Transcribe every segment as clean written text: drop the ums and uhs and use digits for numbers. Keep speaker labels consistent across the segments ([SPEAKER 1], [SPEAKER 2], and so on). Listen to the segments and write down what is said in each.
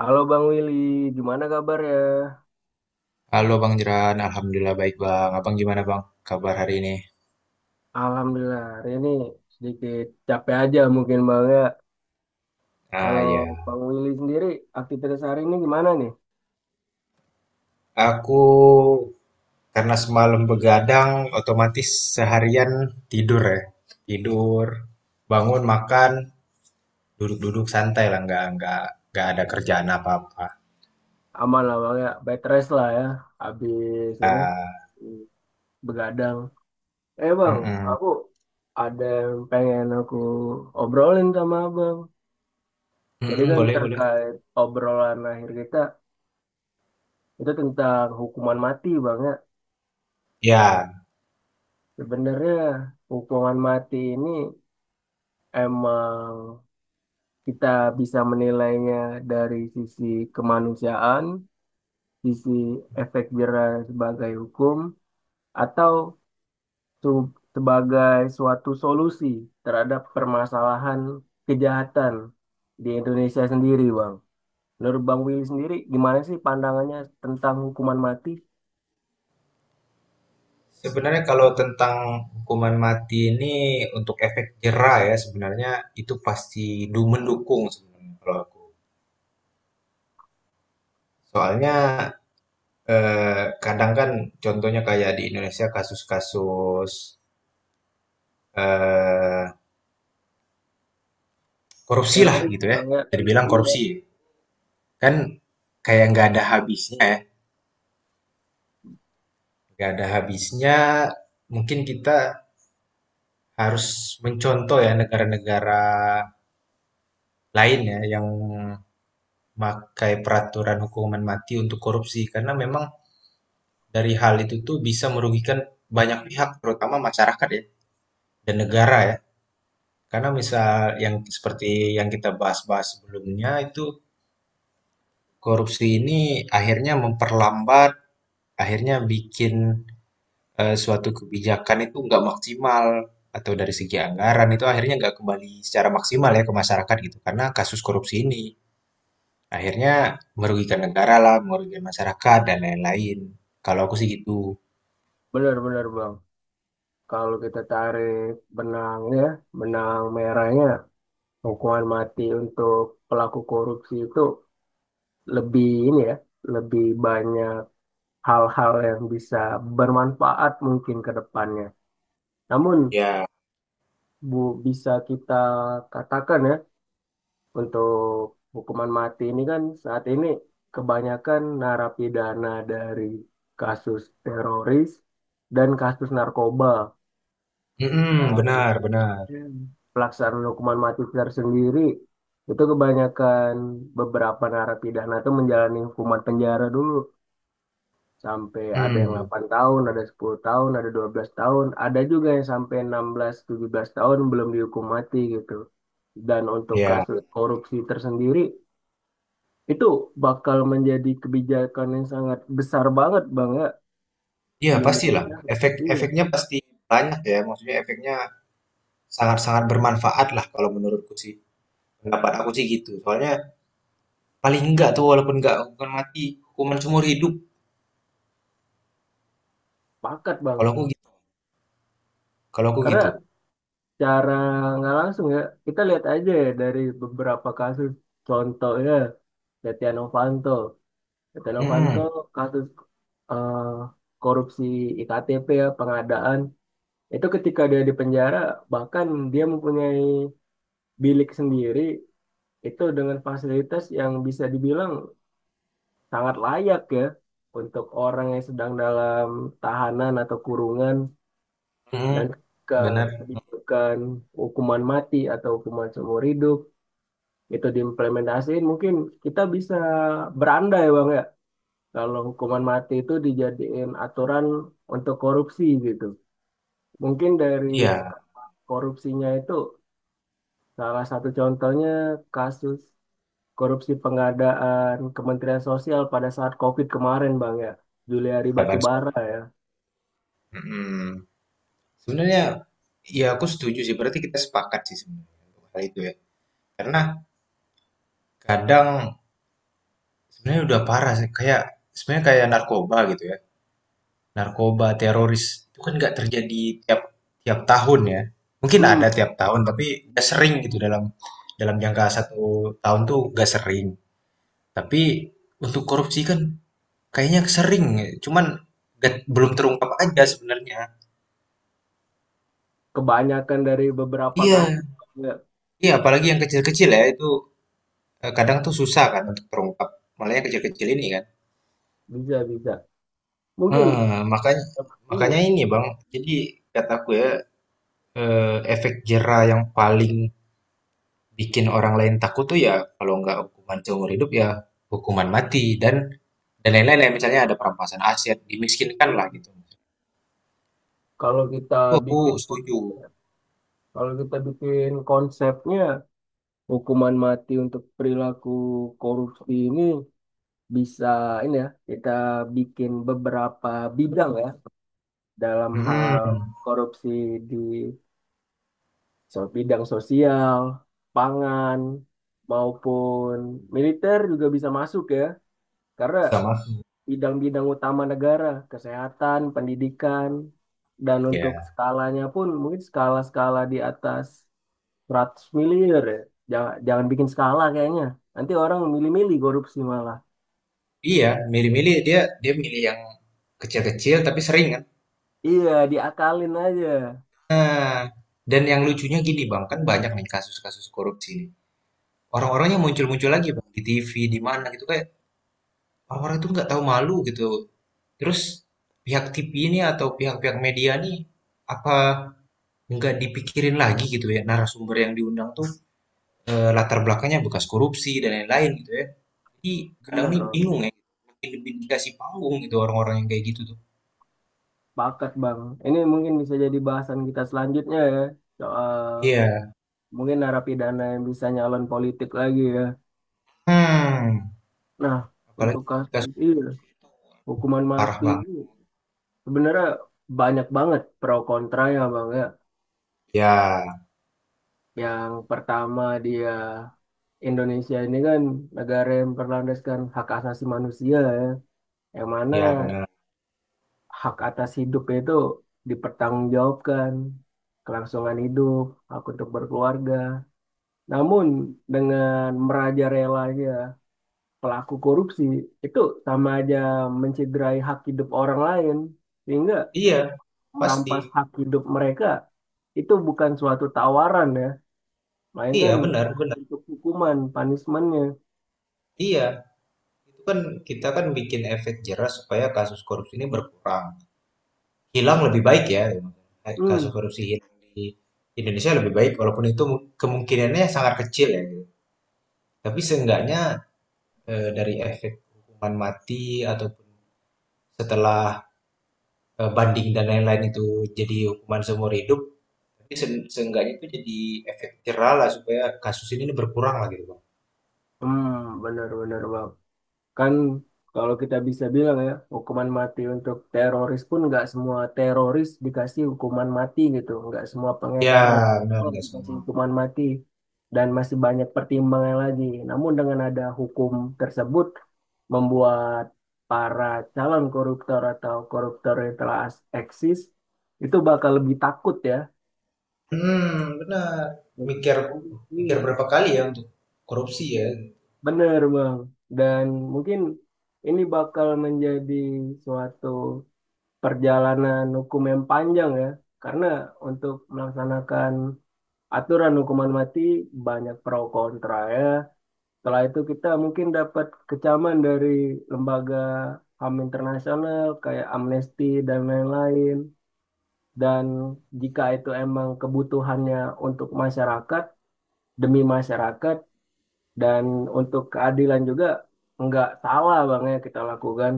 [SPEAKER 1] Halo Bang Willy, gimana kabar ya?
[SPEAKER 2] Halo Bang Jeran, Alhamdulillah baik Bang. Abang gimana Bang? Kabar hari ini?
[SPEAKER 1] Alhamdulillah, hari ini sedikit capek aja mungkin Bang ya.
[SPEAKER 2] Ah
[SPEAKER 1] Kalau
[SPEAKER 2] ya,
[SPEAKER 1] Bang Willy sendiri, aktivitas hari ini gimana nih?
[SPEAKER 2] aku karena semalam begadang, otomatis seharian tidur ya. Tidur, bangun, makan, duduk-duduk santai lah, nggak nggak ada kerjaan apa-apa.
[SPEAKER 1] Aman lah Bang ya, bed rest lah ya, habis ini
[SPEAKER 2] Ah,
[SPEAKER 1] begadang. Bang,
[SPEAKER 2] mm-mm.
[SPEAKER 1] aku ada yang pengen aku obrolin sama Abang. Jadi
[SPEAKER 2] Mm-mm,
[SPEAKER 1] kan
[SPEAKER 2] boleh boleh.
[SPEAKER 1] terkait obrolan akhir kita, itu tentang hukuman mati Bang ya.
[SPEAKER 2] Ya,
[SPEAKER 1] Sebenarnya hukuman mati ini emang kita bisa menilainya dari sisi kemanusiaan, sisi efek jera sebagai hukum, atau sebagai suatu solusi terhadap permasalahan kejahatan di Indonesia sendiri, Bang. Menurut Bang Willy sendiri, gimana sih pandangannya tentang hukuman mati
[SPEAKER 2] sebenarnya kalau tentang hukuman mati ini untuk efek jera ya, sebenarnya itu pasti mendukung sebenarnya kalau aku. Soalnya kadang kan contohnya kayak di Indonesia kasus-kasus eh, korupsi lah
[SPEAKER 1] teroris,
[SPEAKER 2] gitu ya.
[SPEAKER 1] Bang ya?
[SPEAKER 2] Bisa dibilang
[SPEAKER 1] Jadi
[SPEAKER 2] korupsi kan kayak nggak ada habisnya ya. Nggak ada habisnya. Mungkin kita harus mencontoh ya negara-negara lain ya yang pakai peraturan hukuman mati untuk korupsi karena memang dari hal itu tuh bisa merugikan banyak pihak terutama masyarakat ya dan negara ya. Karena misal yang seperti yang kita bahas-bahas sebelumnya itu korupsi ini akhirnya memperlambat, akhirnya bikin suatu kebijakan itu nggak maksimal atau dari segi anggaran itu akhirnya nggak kembali secara maksimal ya ke masyarakat gitu karena kasus korupsi ini akhirnya merugikan negara lah, merugikan masyarakat dan lain-lain. Kalau aku sih gitu.
[SPEAKER 1] benar-benar, Bang. Kalau kita tarik benangnya, benang merahnya, hukuman mati untuk pelaku korupsi itu lebih ini ya, lebih banyak hal-hal yang bisa bermanfaat mungkin ke depannya. Namun
[SPEAKER 2] Ya,
[SPEAKER 1] bu bisa kita katakan ya, untuk hukuman mati ini kan saat ini kebanyakan narapidana dari kasus teroris dan kasus narkoba,
[SPEAKER 2] mm-mm,
[SPEAKER 1] dan
[SPEAKER 2] benar, benar.
[SPEAKER 1] pelaksanaan hukuman mati tersendiri itu kebanyakan beberapa narapidana itu menjalani hukuman penjara dulu, sampai ada yang
[SPEAKER 2] Hmm,
[SPEAKER 1] 8 tahun, ada 10 tahun, ada 12 tahun, ada juga yang sampai 16 17 tahun belum dihukum mati gitu. Dan untuk
[SPEAKER 2] ya,
[SPEAKER 1] kasus korupsi tersendiri itu bakal menjadi kebijakan yang sangat besar banget Bang ya di
[SPEAKER 2] ya pastilah.
[SPEAKER 1] Indonesia. Iya,
[SPEAKER 2] Efek-efeknya pasti banyak ya. Maksudnya efeknya sangat-sangat bermanfaat lah kalau menurutku sih. Pendapat aku sih gitu. Soalnya paling enggak tuh walaupun enggak hukuman mati, hukuman seumur hidup.
[SPEAKER 1] pakat Bang.
[SPEAKER 2] Kalau aku gitu. Kalau aku gitu.
[SPEAKER 1] Karena cara nggak langsung ya, kita lihat aja ya dari beberapa kasus. Contohnya Setia Novanto. Setia Novanto
[SPEAKER 2] Mhm,
[SPEAKER 1] kasus eh, korupsi IKTP ya, pengadaan itu. Ketika dia di penjara, bahkan dia mempunyai bilik sendiri itu dengan fasilitas yang bisa dibilang sangat layak ya untuk orang yang sedang dalam tahanan atau kurungan. Dan
[SPEAKER 2] mhm.
[SPEAKER 1] ke
[SPEAKER 2] Benar.
[SPEAKER 1] kebijakan hukuman mati atau hukuman seumur hidup itu diimplementasiin, mungkin kita bisa berandai bang ya kalau hukuman mati itu dijadiin aturan untuk korupsi gitu. Mungkin dari
[SPEAKER 2] Iya,
[SPEAKER 1] korupsinya itu, salah satu contohnya kasus korupsi pengadaan Kementerian Sosial pada saat COVID kemarin Bang ya. Juliari
[SPEAKER 2] harapan.
[SPEAKER 1] Batubara ya.
[SPEAKER 2] Mhm. Sebenarnya ya aku setuju sih. Berarti kita sepakat sih sebenarnya untuk hal itu ya. Karena kadang sebenarnya udah parah sih kayak sebenarnya kayak narkoba gitu ya. Narkoba, teroris, itu kan nggak terjadi tiap tiap tahun ya. Mungkin
[SPEAKER 1] Hmm,
[SPEAKER 2] ada tiap tahun, tapi nggak sering gitu dalam dalam jangka satu tahun tuh nggak sering. Tapi untuk korupsi kan kayaknya sering, ya. Cuman nggak- belum terungkap aja sebenarnya.
[SPEAKER 1] kebanyakan dari beberapa
[SPEAKER 2] Iya,
[SPEAKER 1] kasus ya,
[SPEAKER 2] iya apalagi yang kecil-kecil ya itu kadang tuh susah kan untuk terungkap. Malah yang kecil-kecil ini kan.
[SPEAKER 1] bisa bisa. Mungkin
[SPEAKER 2] Eh, makanya
[SPEAKER 1] iya,
[SPEAKER 2] makanya ini Bang, jadi kataku ya efek jera yang paling bikin orang lain takut tuh ya kalau nggak hukuman seumur hidup ya hukuman mati dan lain-lain ya misalnya ada perampasan aset dimiskinkan lah
[SPEAKER 1] hmm,
[SPEAKER 2] gitu
[SPEAKER 1] kalau kita
[SPEAKER 2] itu aku
[SPEAKER 1] bikin,
[SPEAKER 2] setuju.
[SPEAKER 1] kalau kita bikin konsepnya hukuman mati untuk perilaku korupsi ini bisa ini ya, kita bikin beberapa bidang ya dalam hal
[SPEAKER 2] Mm-mm.
[SPEAKER 1] korupsi di bidang sosial, pangan maupun militer juga bisa masuk ya, karena
[SPEAKER 2] Bisa mafia
[SPEAKER 1] bidang-bidang utama negara, kesehatan, pendidikan. Dan untuk
[SPEAKER 2] ya.
[SPEAKER 1] skalanya pun mungkin skala-skala di atas 100 miliar ya. Jangan, jangan bikin skala kayaknya. Nanti orang milih-milih korupsi malah.
[SPEAKER 2] Iya milih-milih dia dia milih yang kecil-kecil tapi sering kan.
[SPEAKER 1] Iya, diakalin aja.
[SPEAKER 2] Nah, dan yang lucunya gini bang kan banyak nih kasus-kasus korupsi nih orang-orangnya muncul-muncul lagi bang di TV di mana gitu kayak orang-orang itu nggak tahu malu gitu terus pihak TV ini atau pihak-pihak media nih apa nggak dipikirin lagi gitu ya narasumber yang diundang tuh latar belakangnya bekas korupsi dan lain-lain gitu ya jadi kadang
[SPEAKER 1] Bener,
[SPEAKER 2] nih
[SPEAKER 1] Rob.
[SPEAKER 2] bingung ya makin lebih dikasih panggung gitu orang-orang yang kayak gitu tuh.
[SPEAKER 1] Pakat, Bang. Ini mungkin bisa jadi bahasan kita selanjutnya ya. Soal
[SPEAKER 2] Iya,
[SPEAKER 1] mungkin narapidana yang bisa nyalon politik lagi ya.
[SPEAKER 2] hmm,
[SPEAKER 1] Nah, untuk
[SPEAKER 2] apalagi
[SPEAKER 1] kasus
[SPEAKER 2] kasus
[SPEAKER 1] iya, hukuman
[SPEAKER 2] parah
[SPEAKER 1] mati.
[SPEAKER 2] banget
[SPEAKER 1] Sebenarnya banyak banget pro kontranya, Bang ya.
[SPEAKER 2] ya.
[SPEAKER 1] Yang pertama dia Indonesia ini kan negara yang berlandaskan hak asasi manusia ya, yang mana
[SPEAKER 2] Ya benar,
[SPEAKER 1] hak atas hidup itu dipertanggungjawabkan, kelangsungan hidup, hak untuk berkeluarga. Namun dengan merajalelanya pelaku korupsi itu, sama aja mencederai hak hidup orang lain, sehingga
[SPEAKER 2] iya pasti,
[SPEAKER 1] merampas hak hidup mereka, itu bukan suatu tawaran ya,
[SPEAKER 2] iya
[SPEAKER 1] melainkan
[SPEAKER 2] benar benar.
[SPEAKER 1] untuk hukuman, punishmentnya.
[SPEAKER 2] Iya itu kan kita kan bikin efek jerah supaya kasus korupsi ini berkurang hilang lebih baik ya, kasus
[SPEAKER 1] Hmm,
[SPEAKER 2] korupsi hilang di Indonesia lebih baik walaupun itu kemungkinannya sangat kecil ya. Tapi seenggaknya, dari efek hukuman mati ataupun setelah, banding dan lain-lain itu jadi hukuman seumur hidup, tapi seenggaknya itu jadi efek jerahlah supaya kasus ini berkuranglah gitu, Bang.
[SPEAKER 1] hmm, benar-benar bang. Kan kalau kita bisa bilang ya, hukuman mati untuk teroris pun nggak semua teroris dikasih hukuman mati gitu. Nggak semua
[SPEAKER 2] Ya,
[SPEAKER 1] pengedar
[SPEAKER 2] benar
[SPEAKER 1] narkoba
[SPEAKER 2] nggak
[SPEAKER 1] dikasih
[SPEAKER 2] semua.
[SPEAKER 1] hukuman mati. Dan masih banyak pertimbangan lagi. Namun dengan ada hukum tersebut, membuat para calon koruptor atau koruptor yang telah eksis, itu bakal lebih takut ya.
[SPEAKER 2] Hmm benar. Mikir
[SPEAKER 1] Oh,
[SPEAKER 2] mikir
[SPEAKER 1] iya,
[SPEAKER 2] berapa kali ya untuk korupsi ya.
[SPEAKER 1] bener Bang. Dan mungkin ini bakal menjadi suatu perjalanan hukum yang panjang ya, karena untuk melaksanakan aturan hukuman mati banyak pro kontra ya. Setelah itu kita mungkin dapat kecaman dari lembaga HAM internasional kayak Amnesty dan lain-lain. Dan jika itu emang kebutuhannya untuk masyarakat, demi masyarakat, dan untuk keadilan juga, nggak salah bang ya kita lakukan.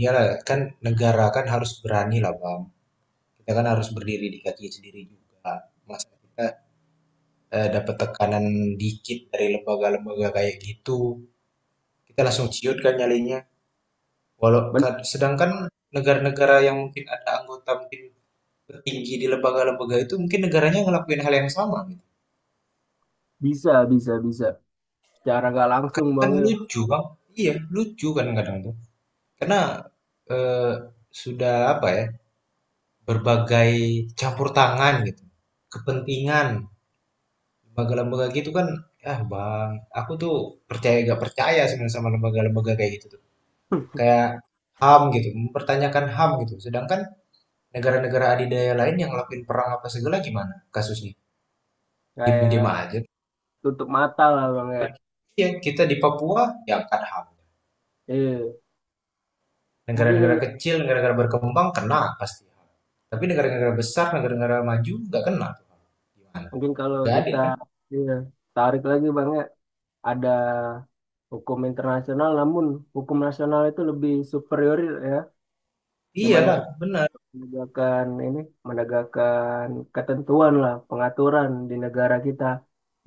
[SPEAKER 2] Iyalah kan negara kan harus berani lah Bang. Kita kan harus berdiri di kaki sendiri juga. Masa kita, dapat tekanan dikit dari lembaga-lembaga kayak gitu kita langsung ciut kan nyalinya.
[SPEAKER 1] Benar,
[SPEAKER 2] Sedangkan negara-negara yang mungkin ada anggota mungkin tertinggi di lembaga-lembaga itu mungkin negaranya ngelakuin hal yang sama gitu.
[SPEAKER 1] bisa, bisa, bisa. Secara nggak langsung
[SPEAKER 2] Kan
[SPEAKER 1] bang ya.
[SPEAKER 2] lucu bang, iya lucu kan kadang tuh. Karena eh, sudah apa ya berbagai campur tangan gitu, kepentingan lembaga-lembaga gitu kan. Ah bang, aku tuh percaya gak percaya sebenarnya sama lembaga-lembaga kayak gitu tuh. Kayak HAM gitu, mempertanyakan HAM gitu. Sedangkan negara-negara adidaya lain yang ngelakuin perang apa segala gimana kasusnya? Diem-diem
[SPEAKER 1] Kayak
[SPEAKER 2] aja.
[SPEAKER 1] tutup mata lah bang ya.
[SPEAKER 2] Ya, kita di Papua ya kan HAM.
[SPEAKER 1] Iya, mungkin
[SPEAKER 2] Negara-negara
[SPEAKER 1] ini
[SPEAKER 2] kecil, negara-negara berkembang kena pasti. Tapi negara-negara besar, negara-negara maju nggak kena tuh. Gimana?
[SPEAKER 1] mungkin kalau
[SPEAKER 2] Nggak adil
[SPEAKER 1] kita
[SPEAKER 2] kan?
[SPEAKER 1] iya, tarik lagi bang ya, ada hukum internasional, namun hukum nasional itu lebih superior ya, di mana kita
[SPEAKER 2] Iyalah, benar.
[SPEAKER 1] menegakkan ini, menegakkan ketentuan lah, pengaturan di negara kita.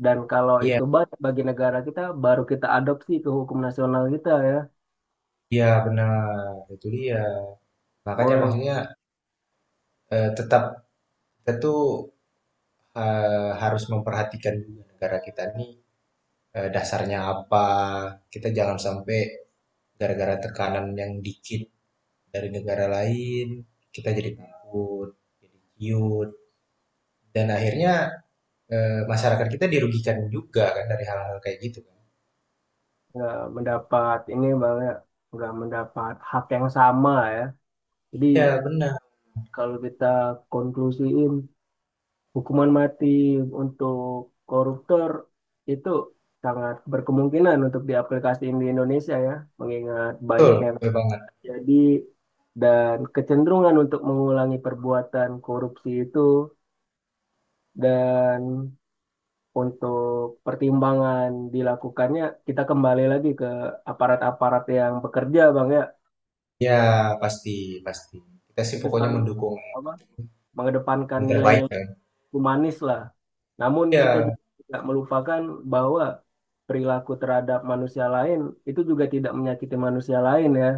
[SPEAKER 1] Dan kalau itu
[SPEAKER 2] Iya,
[SPEAKER 1] banyak bagi negara kita, baru kita adopsi ke hukum nasional kita ya.
[SPEAKER 2] iya benar. Itu dia. Makanya
[SPEAKER 1] Boleh
[SPEAKER 2] maksudnya tetap kita tuh harus memperhatikan juga negara kita nih dasarnya apa. Kita jangan sampai gara-gara tekanan yang dikit dari negara lain, kita jadi takut, jadi ciut. Dan akhirnya masyarakat kita dirugikan juga kan dari hal-hal kayak gitu kan.
[SPEAKER 1] nggak mendapat ini bang ya, nggak mendapat hak yang sama ya. Jadi
[SPEAKER 2] Ya benar,
[SPEAKER 1] kalau kita konklusiin, hukuman mati untuk koruptor itu sangat berkemungkinan untuk diaplikasikan di Indonesia ya, mengingat
[SPEAKER 2] betul,
[SPEAKER 1] banyak yang
[SPEAKER 2] betul banget.
[SPEAKER 1] terjadi dan kecenderungan untuk mengulangi perbuatan korupsi itu. Dan untuk pertimbangan dilakukannya, kita kembali lagi ke aparat-aparat yang bekerja Bang ya,
[SPEAKER 2] Ya pasti, pasti. Kita sih
[SPEAKER 1] itu
[SPEAKER 2] pokoknya
[SPEAKER 1] selalu
[SPEAKER 2] mendukung
[SPEAKER 1] apa, mengedepankan
[SPEAKER 2] yang terbaik
[SPEAKER 1] nilai-nilai
[SPEAKER 2] kan.
[SPEAKER 1] humanis lah. Namun kita
[SPEAKER 2] Ya,
[SPEAKER 1] juga tidak melupakan bahwa perilaku terhadap manusia lain itu juga tidak menyakiti manusia lain ya.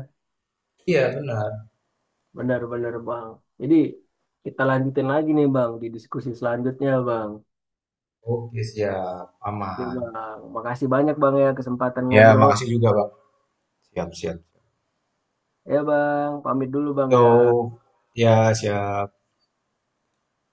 [SPEAKER 2] iya benar.
[SPEAKER 1] Benar-benar Bang. Jadi kita lanjutin lagi nih Bang di diskusi selanjutnya Bang.
[SPEAKER 2] Oke, siap.
[SPEAKER 1] Oke
[SPEAKER 2] Aman.
[SPEAKER 1] Bang, makasih banyak Bang ya kesempatan
[SPEAKER 2] Ya,
[SPEAKER 1] ngobrol.
[SPEAKER 2] makasih juga, Bang. Siap, siap.
[SPEAKER 1] Ya Bang, pamit dulu Bang ya.
[SPEAKER 2] Yo, ya siap.